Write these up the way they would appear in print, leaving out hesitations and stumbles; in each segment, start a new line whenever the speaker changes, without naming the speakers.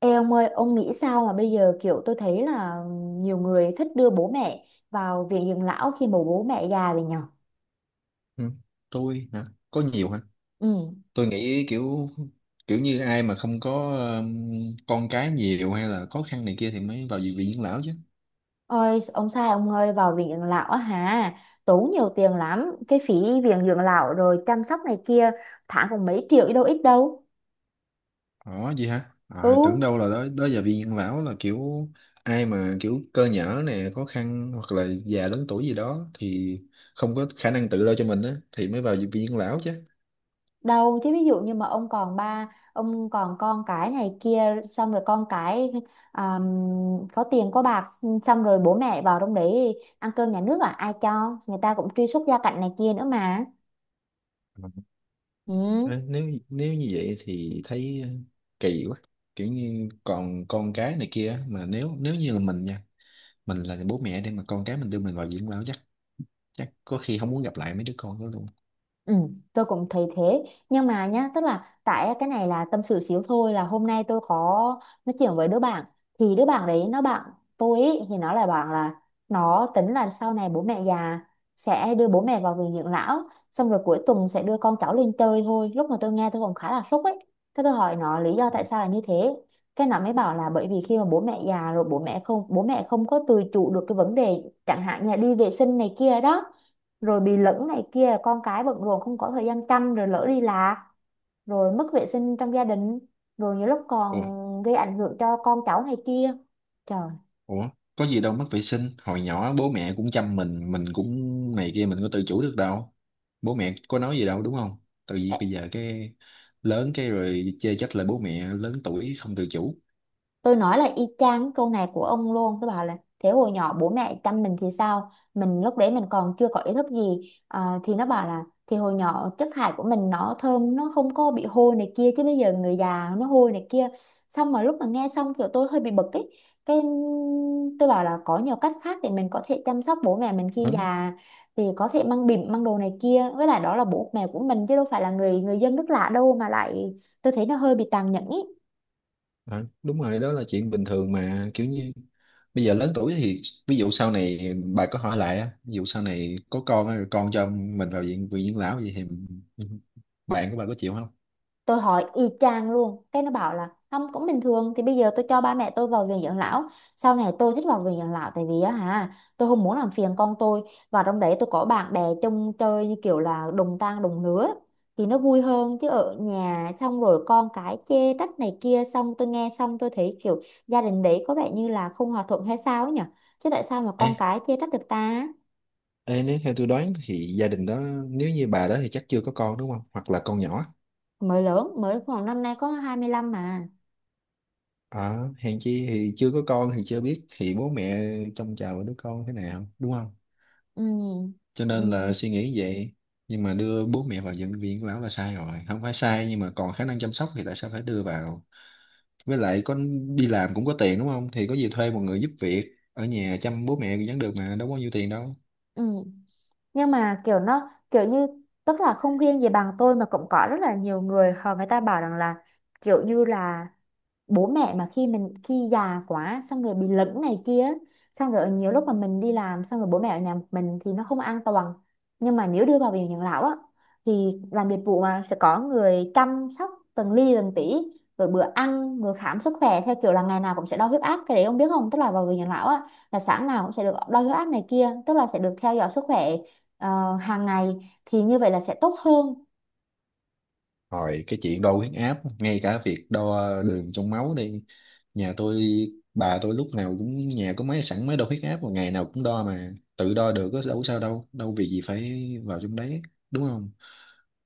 Ê ông ơi, ông nghĩ sao mà bây giờ kiểu tôi thấy là nhiều người thích đưa bố mẹ vào viện dưỡng lão khi mà bố mẹ già rồi nhở?
Ừ, tôi hả có nhiều hả.
Ừ.
Tôi nghĩ kiểu kiểu như ai mà không có con cái nhiều hay là khó khăn này kia thì mới vào viện dưỡng lão chứ.
Ôi, ông sai ông ơi, vào viện dưỡng lão á hả? Tốn nhiều tiền lắm, cái phí viện dưỡng lão rồi chăm sóc này kia, tháng cũng mấy triệu chứ đâu ít đâu.
Ờ Gì hả?
Ừ.
À, tưởng đâu là đó đó giờ viện dưỡng lão là kiểu ai mà kiểu cơ nhở nè khó khăn hoặc là già lớn tuổi gì đó thì không có khả năng tự lo cho mình á thì mới vào viện dưỡng lão chứ.
Đâu chứ ví dụ như mà ông còn ba ông còn con cái này kia xong rồi con cái có tiền có bạc xong rồi bố mẹ vào trong đấy ăn cơm nhà nước à, ai cho, người ta cũng truy xuất gia cảnh này kia nữa mà. Ừ.
Ờ, nếu nếu như vậy thì thấy kỳ quá. Kiểu như còn con cái này kia á, mà nếu nếu như là mình nha, mình là bố mẹ để mà con cái mình đưa mình vào dưỡng lão, chắc chắc có khi không muốn gặp lại mấy đứa con đó luôn.
Ừ, tôi cũng thấy thế nhưng mà nhá, tức là tại cái này là tâm sự xíu thôi, là hôm nay tôi có nói chuyện với đứa bạn, thì đứa bạn đấy nó, bạn tôi ý, thì nó lại bảo là nó tính là sau này bố mẹ già sẽ đưa bố mẹ vào viện dưỡng lão xong rồi cuối tuần sẽ đưa con cháu lên chơi thôi. Lúc mà tôi nghe tôi còn khá là sốc ấy. Thế tôi hỏi nó lý do tại sao là như thế, cái nó mới bảo là bởi vì khi mà bố mẹ già rồi bố mẹ không có tự chủ được cái vấn đề chẳng hạn như là đi vệ sinh này kia đó, rồi bị lẫn này kia, con cái bận rộn không có thời gian chăm rồi lỡ đi lạc, rồi mất vệ sinh trong gia đình, rồi nhiều lúc còn
ủa
gây ảnh hưởng cho con cháu này kia. Trời.
ủa có gì đâu, mất vệ sinh hồi nhỏ bố mẹ cũng chăm mình cũng này kia mình có tự chủ được đâu, bố mẹ có nói gì đâu đúng không? Tại vì bây giờ cái lớn cái rồi chê trách là bố mẹ lớn tuổi không tự chủ.
Tôi nói là y chang cái câu này của ông luôn. Tôi bảo là thế hồi nhỏ bố mẹ chăm mình thì sao? Mình lúc đấy mình còn chưa có ý thức gì à? Thì nó bảo là thì hồi nhỏ chất thải của mình nó thơm, nó không có bị hôi này kia, chứ bây giờ người già nó hôi này kia. Xong mà lúc mà nghe xong kiểu tôi hơi bị bực ấy. Cái tôi bảo là có nhiều cách khác để mình có thể chăm sóc bố mẹ mình khi
Ừ,
già, thì có thể mang bỉm mang đồ này kia, với lại đó là bố mẹ của mình chứ đâu phải là người, người dân nước lạ đâu mà lại. Tôi thấy nó hơi bị tàn nhẫn ý.
ừ, đúng rồi, đó là chuyện bình thường mà. Kiểu như bây giờ lớn tuổi thì ví dụ sau này bà có hỏi lại á, ví dụ sau này có con á, rồi con cho mình vào viện viện dưỡng lão vậy thì bạn của bà có chịu không?
Tôi hỏi y chang luôn, cái nó bảo là không cũng bình thường, thì bây giờ tôi cho ba mẹ tôi vào viện dưỡng lão, sau này tôi thích vào viện dưỡng lão, tại vì á hả tôi không muốn làm phiền con tôi và trong đấy tôi có bạn bè chung chơi như kiểu là đồng trang đồng lứa thì nó vui hơn, chứ ở nhà xong rồi con cái chê trách này kia. Xong tôi nghe xong tôi thấy kiểu gia đình đấy có vẻ như là không hòa thuận hay sao ấy nhỉ, chứ tại sao mà
Ê,
con cái chê trách được ta.
ê, nếu theo tôi đoán thì gia đình đó, nếu như bà đó thì chắc chưa có con đúng không? Hoặc là con nhỏ.
Mới lớn mới khoảng năm nay có 25 mà.
À, hèn chi, thì chưa có con thì chưa biết thì bố mẹ trông chào đứa con thế nào đúng không?
Ừ.
Cho
Ừ.
nên là suy nghĩ vậy. Nhưng mà đưa bố mẹ vào bệnh viện bảo là sai rồi. Không phải sai nhưng mà còn khả năng chăm sóc thì tại sao phải đưa vào? Với lại có đi làm cũng có tiền đúng không? Thì có gì thuê một người giúp việc ở nhà chăm bố mẹ vẫn được mà, đâu có nhiêu tiền đâu.
Ừ. Nhưng mà kiểu nó kiểu như tức là không riêng gì bằng tôi mà cũng có rất là nhiều người họ, người ta bảo rằng là kiểu như là bố mẹ mà khi mình, khi già quá xong rồi bị lẫn này kia, xong rồi nhiều lúc mà mình đi làm xong rồi bố mẹ ở nhà một mình thì nó không an toàn, nhưng mà nếu đưa vào viện养lão á thì làm dịch vụ mà sẽ có người chăm sóc từng ly từng tí, rồi bữa ăn rồi khám sức khỏe theo kiểu là ngày nào cũng sẽ đo huyết áp. Cái đấy ông biết không, tức là vào viện养lão á là sáng nào cũng sẽ được đo huyết áp này kia, tức là sẽ được theo dõi sức khỏe hàng ngày, thì như vậy là sẽ tốt hơn.
Rồi cái chuyện đo huyết áp, ngay cả việc đo đường trong máu đi. Nhà tôi, bà tôi lúc nào cũng nhà có máy sẵn, máy đo huyết áp, mà ngày nào cũng đo mà. Tự đo được có đâu, có sao đâu, đâu vì gì phải vào trong đấy, đúng không?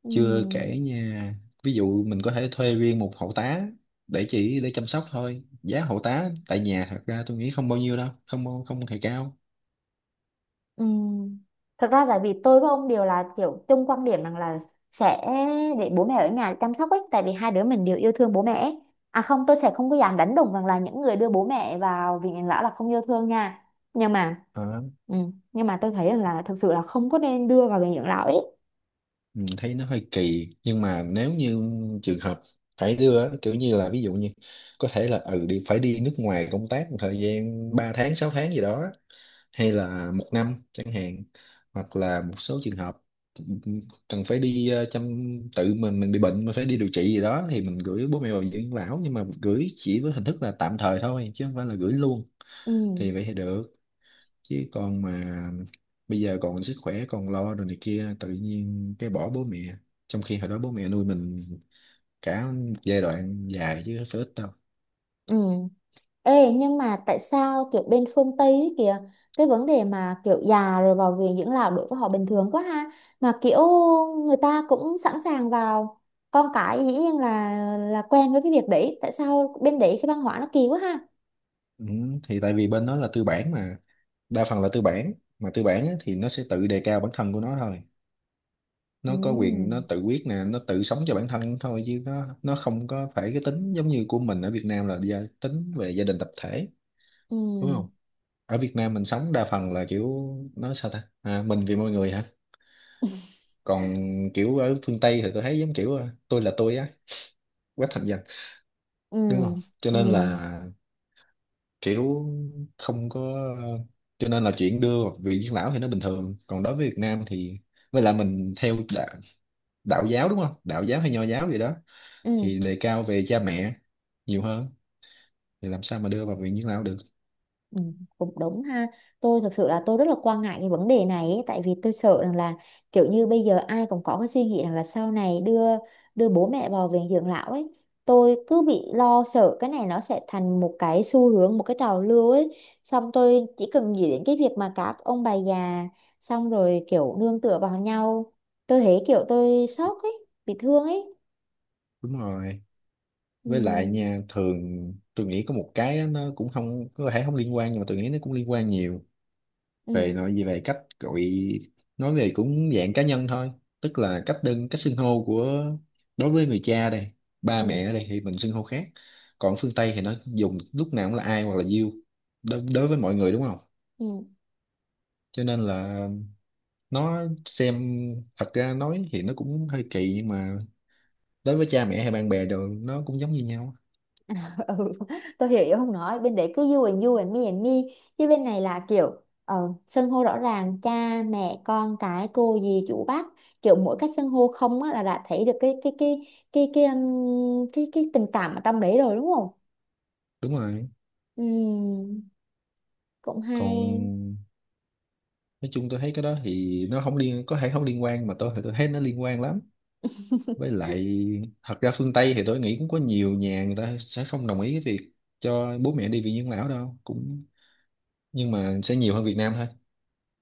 Ừ.
Chưa kể nha, ví dụ mình có thể thuê riêng một hộ tá để để chăm sóc thôi. Giá hộ tá tại nhà thật ra tôi nghĩ không bao nhiêu đâu, không không hề cao.
Ừm, thật ra tại vì tôi với ông đều là kiểu chung quan điểm rằng là sẽ để bố mẹ ở nhà chăm sóc ấy, tại vì hai đứa mình đều yêu thương bố mẹ ấy. À không, tôi sẽ không có dám đánh đồng rằng là những người đưa bố mẹ vào viện养lão là không yêu thương nha, nhưng mà
Ờ.
nhưng mà tôi thấy rằng là thực sự là không có nên đưa vào viện养lão ấy.
Mình thấy nó hơi kỳ nhưng mà nếu như trường hợp phải đưa á, kiểu như là ví dụ như có thể là ừ đi phải đi nước ngoài công tác một thời gian 3 tháng 6 tháng gì đó, hay là 1 năm chẳng hạn, hoặc là một số trường hợp cần phải đi chăm, tự mình bị bệnh mà phải đi điều trị gì đó thì mình gửi bố mẹ vào dưỡng lão, nhưng mà gửi chỉ với hình thức là tạm thời thôi chứ không phải là gửi luôn,
Ừ.
thì vậy thì được. Chứ còn mà bây giờ còn sức khỏe còn lo rồi này kia tự nhiên cái bỏ bố mẹ, trong khi hồi đó bố mẹ nuôi mình cả một giai đoạn dài chứ không phải ít đâu.
Ừ. Ê, nhưng mà tại sao kiểu bên phương Tây ấy kìa, cái vấn đề mà kiểu già rồi vào viện dưỡng lão đối với họ bình thường quá ha, mà kiểu người ta cũng sẵn sàng vào, con cái dĩ nhiên là quen với cái việc đấy. Tại sao bên đấy cái văn hóa nó kỳ quá ha.
Ừ, thì tại vì bên đó là tư bản mà, đa phần là tư bản. Mà tư bản á, thì nó sẽ tự đề cao bản thân của nó thôi,
Ừ.
nó có quyền, nó tự quyết nè, nó tự sống cho bản thân thôi, chứ nó không có phải cái tính giống như của mình ở Việt Nam là tính về gia đình tập thể,
Ừ.
đúng không? Ở Việt Nam mình sống đa phần là kiểu nói sao ta, à, mình vì mọi người hả. Còn kiểu ở phương Tây thì tôi thấy giống kiểu ờ, tôi là tôi á, quá thành danh,
Ừ.
đúng không? Cho
Ừ.
nên là kiểu không có, cho nên là chuyện đưa vị dưỡng lão thì nó bình thường, còn đối với Việt Nam thì với lại mình theo đạo, đạo giáo đúng không, đạo giáo hay nho giáo gì đó,
Ừ.
thì đề cao về cha mẹ nhiều hơn, thì làm sao mà đưa vào viện dưỡng lão được.
Ừ, cũng đúng ha. Tôi thật sự là tôi rất là quan ngại cái vấn đề này ấy, tại vì tôi sợ rằng là kiểu như bây giờ ai cũng có cái suy nghĩ rằng là sau này đưa đưa bố mẹ vào viện dưỡng lão ấy. Tôi cứ bị lo sợ cái này nó sẽ thành một cái xu hướng, một cái trào lưu ấy. Xong tôi chỉ cần nghĩ đến cái việc mà các ông bà già xong rồi kiểu nương tựa vào nhau, tôi thấy kiểu tôi sốc ấy, bị thương ấy.
Đúng rồi,
Ừ,
với lại nha thường tôi nghĩ có một cái á, nó cũng không có thể không liên quan nhưng mà tôi nghĩ nó cũng liên quan nhiều
ừ,
về nội gì về cách gọi, nói về cũng dạng cá nhân thôi, tức là cách cách xưng hô của đối với người cha đây, ba
ừ,
mẹ ở đây thì mình xưng hô khác. Còn phương Tây thì nó dùng lúc nào cũng là ai hoặc là you đối với mọi người đúng không?
ừ.
Cho nên là nó xem, thật ra nói thì nó cũng hơi kỳ nhưng mà đối với cha mẹ hay bạn bè rồi nó cũng giống như nhau.
Ừ, tôi hiểu ý, không nói bên đấy cứ you and you and me and me, chứ bên này là kiểu xưng hô rõ ràng, cha mẹ con cái cô dì chú bác, kiểu mỗi cách xưng hô không á là đã thấy được cái cái tình cảm ở trong đấy rồi đúng không.
Đúng rồi.
Ừm, cũng hay.
Còn nói chung tôi thấy cái đó thì nó không liên có thể không liên quan, mà tôi thì tôi thấy nó liên quan lắm. Với lại thật ra phương Tây thì tôi nghĩ cũng có nhiều nhà người ta sẽ không đồng ý cái việc cho bố mẹ đi viện dưỡng lão đâu, cũng nhưng mà sẽ nhiều hơn Việt Nam thôi.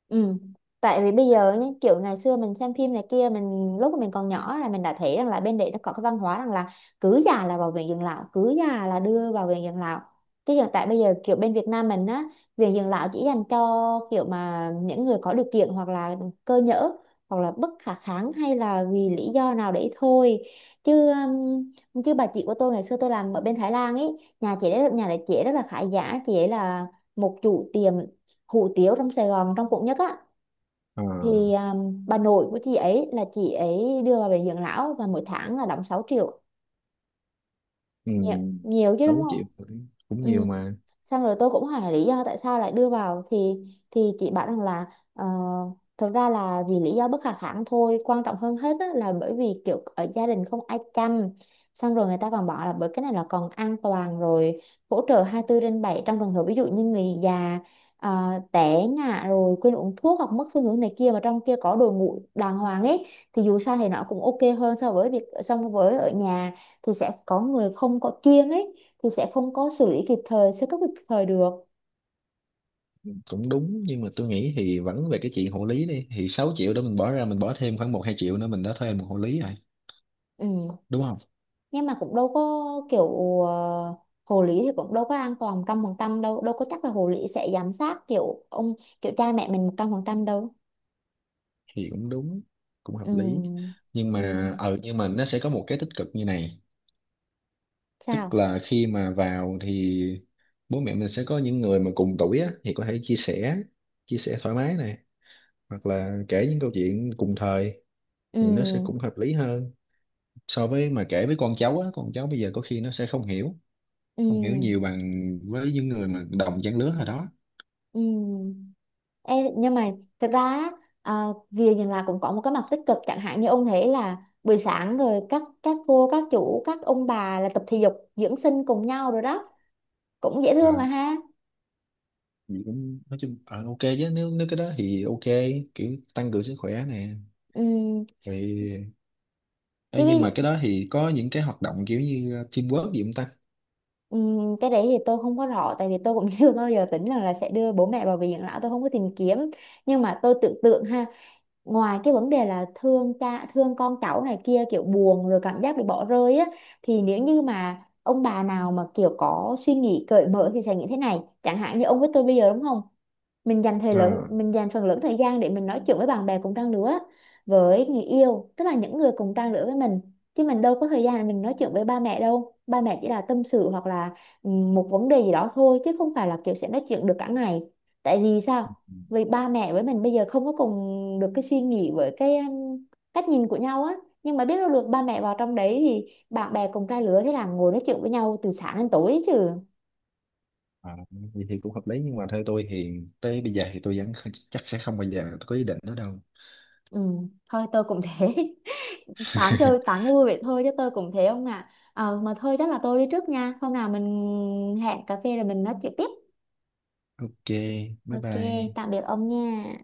Ừ. Tại vì bây giờ nhá, kiểu ngày xưa mình xem phim này kia, mình lúc mà mình còn nhỏ là mình đã thấy rằng là bên đấy nó có cái văn hóa rằng là cứ già là vào viện dưỡng lão, cứ già là đưa vào viện dưỡng lão. Cái hiện tại bây giờ kiểu bên Việt Nam mình á, viện dưỡng lão chỉ dành cho kiểu mà những người có điều kiện, hoặc là cơ nhỡ, hoặc là bất khả kháng hay là vì lý do nào đấy thôi chứ chứ bà chị của tôi ngày xưa tôi làm ở bên Thái Lan ấy, nhà chị ấy, nhà đấy chị ấy rất là khá giả, chị ấy là một chủ tiệm hủ tiếu trong Sài Gòn, trong quận nhất á.
Ờ,
Thì bà nội của chị ấy là chị ấy đưa vào bệnh dưỡng lão và mỗi tháng là đóng 6 triệu.
ừ,
Nhiều, nhiều chứ đúng
sáu
không.
triệu cũng
Ừ.
nhiều mà.
Xong rồi tôi cũng hỏi là lý do tại sao lại đưa vào thì chị bảo rằng là ờ, thực ra là vì lý do bất khả kháng thôi, quan trọng hơn hết á, là bởi vì kiểu ở gia đình không ai chăm. Xong rồi người ta còn bảo là bởi cái này là còn an toàn, rồi hỗ trợ 24 trên 7 trong trường hợp ví dụ như người già té ngã rồi quên uống thuốc hoặc mất phương hướng này kia, mà trong kia có đội ngũ đàng hoàng ấy thì dù sao thì nó cũng ok hơn so với việc, so với ở nhà thì sẽ có người không có chuyên ấy thì sẽ không có xử lý kịp thời, sơ cấp kịp thời được.
Cũng đúng nhưng mà tôi nghĩ thì vẫn về cái chuyện hộ lý đi, thì 6 triệu đó mình bỏ ra, mình bỏ thêm khoảng 1 2 triệu nữa mình đã thuê một hộ lý rồi,
Ừ.
đúng không?
Nhưng mà cũng đâu có kiểu ờ, hồ lý thì cũng đâu có an toàn 100% đâu, đâu có chắc là hồ lý sẽ giám sát kiểu ông, kiểu cha mẹ mình 100% đâu.
Thì cũng đúng, cũng
Ừ.
hợp lý. Nhưng
Ừ.
mà ờ nhưng mà nó sẽ có một cái tích cực như này, tức
Sao.
là khi mà vào thì bố mẹ mình sẽ có những người mà cùng tuổi á, thì có thể chia sẻ, thoải mái này, hoặc là kể những câu chuyện cùng thời,
Ừ.
thì nó sẽ cũng hợp lý hơn so với mà kể với con cháu á, con cháu bây giờ có khi nó sẽ không hiểu,
Ừ.
nhiều bằng với những người mà đồng trang lứa hồi đó.
Ừ. Ê, nhưng mà thật ra á, à, việc nhìn là cũng có một cái mặt tích cực, chẳng hạn như ông thấy là buổi sáng rồi các cô, các chủ, các ông bà là tập thể dục dưỡng sinh cùng nhau rồi đó, cũng dễ thương
À,
mà ha.
thì cũng nói chung ờ, ok chứ, nếu nếu cái đó thì ok, kiểu tăng cường sức khỏe nè,
Ừ.
rồi. Ê, nhưng mà cái đó thì có những cái hoạt động kiểu như teamwork gì không ta?
Cái đấy thì tôi không có rõ tại vì tôi cũng chưa bao giờ tính rằng là sẽ đưa bố mẹ vào viện dưỡng lão, tôi không có tìm kiếm, nhưng mà tôi tưởng tượng ha, ngoài cái vấn đề là thương cha thương con cháu này kia, kiểu buồn rồi cảm giác bị bỏ rơi á, thì nếu như mà ông bà nào mà kiểu có suy nghĩ cởi mở thì sẽ như thế này, chẳng hạn như ông với tôi bây giờ đúng không, mình dành thời lượng,
Ờ.
mình dành phần lớn thời gian để mình nói chuyện với bạn bè cùng trang lứa, với người yêu, tức là những người cùng trang lứa với mình, chứ mình đâu có thời gian để mình nói chuyện với ba mẹ đâu, ba mẹ chỉ là tâm sự hoặc là ừ, một vấn đề gì đó thôi chứ không phải là kiểu sẽ nói chuyện được cả ngày. Tại vì sao? Vì ba mẹ với mình bây giờ không có cùng được cái suy nghĩ với cái cách nhìn của nhau á, nhưng mà biết đâu được ba mẹ vào trong đấy thì bạn bè cùng trang lứa thế là ngồi nói chuyện với nhau từ sáng đến tối chứ.
À, vậy thì cũng hợp lý nhưng mà theo tôi thì tới bây giờ thì tôi vẫn chắc sẽ không bao giờ tôi có ý định đó đâu.
Ừ, thôi tôi cũng thế. Tám chơi tám cho vui vậy thôi chứ tôi cũng thế ông ạ. À, mà thôi chắc là tôi đi trước nha, hôm nào mình hẹn cà phê rồi mình nói chuyện tiếp.
Ok, bye
Ok,
bye.
tạm biệt ông nha.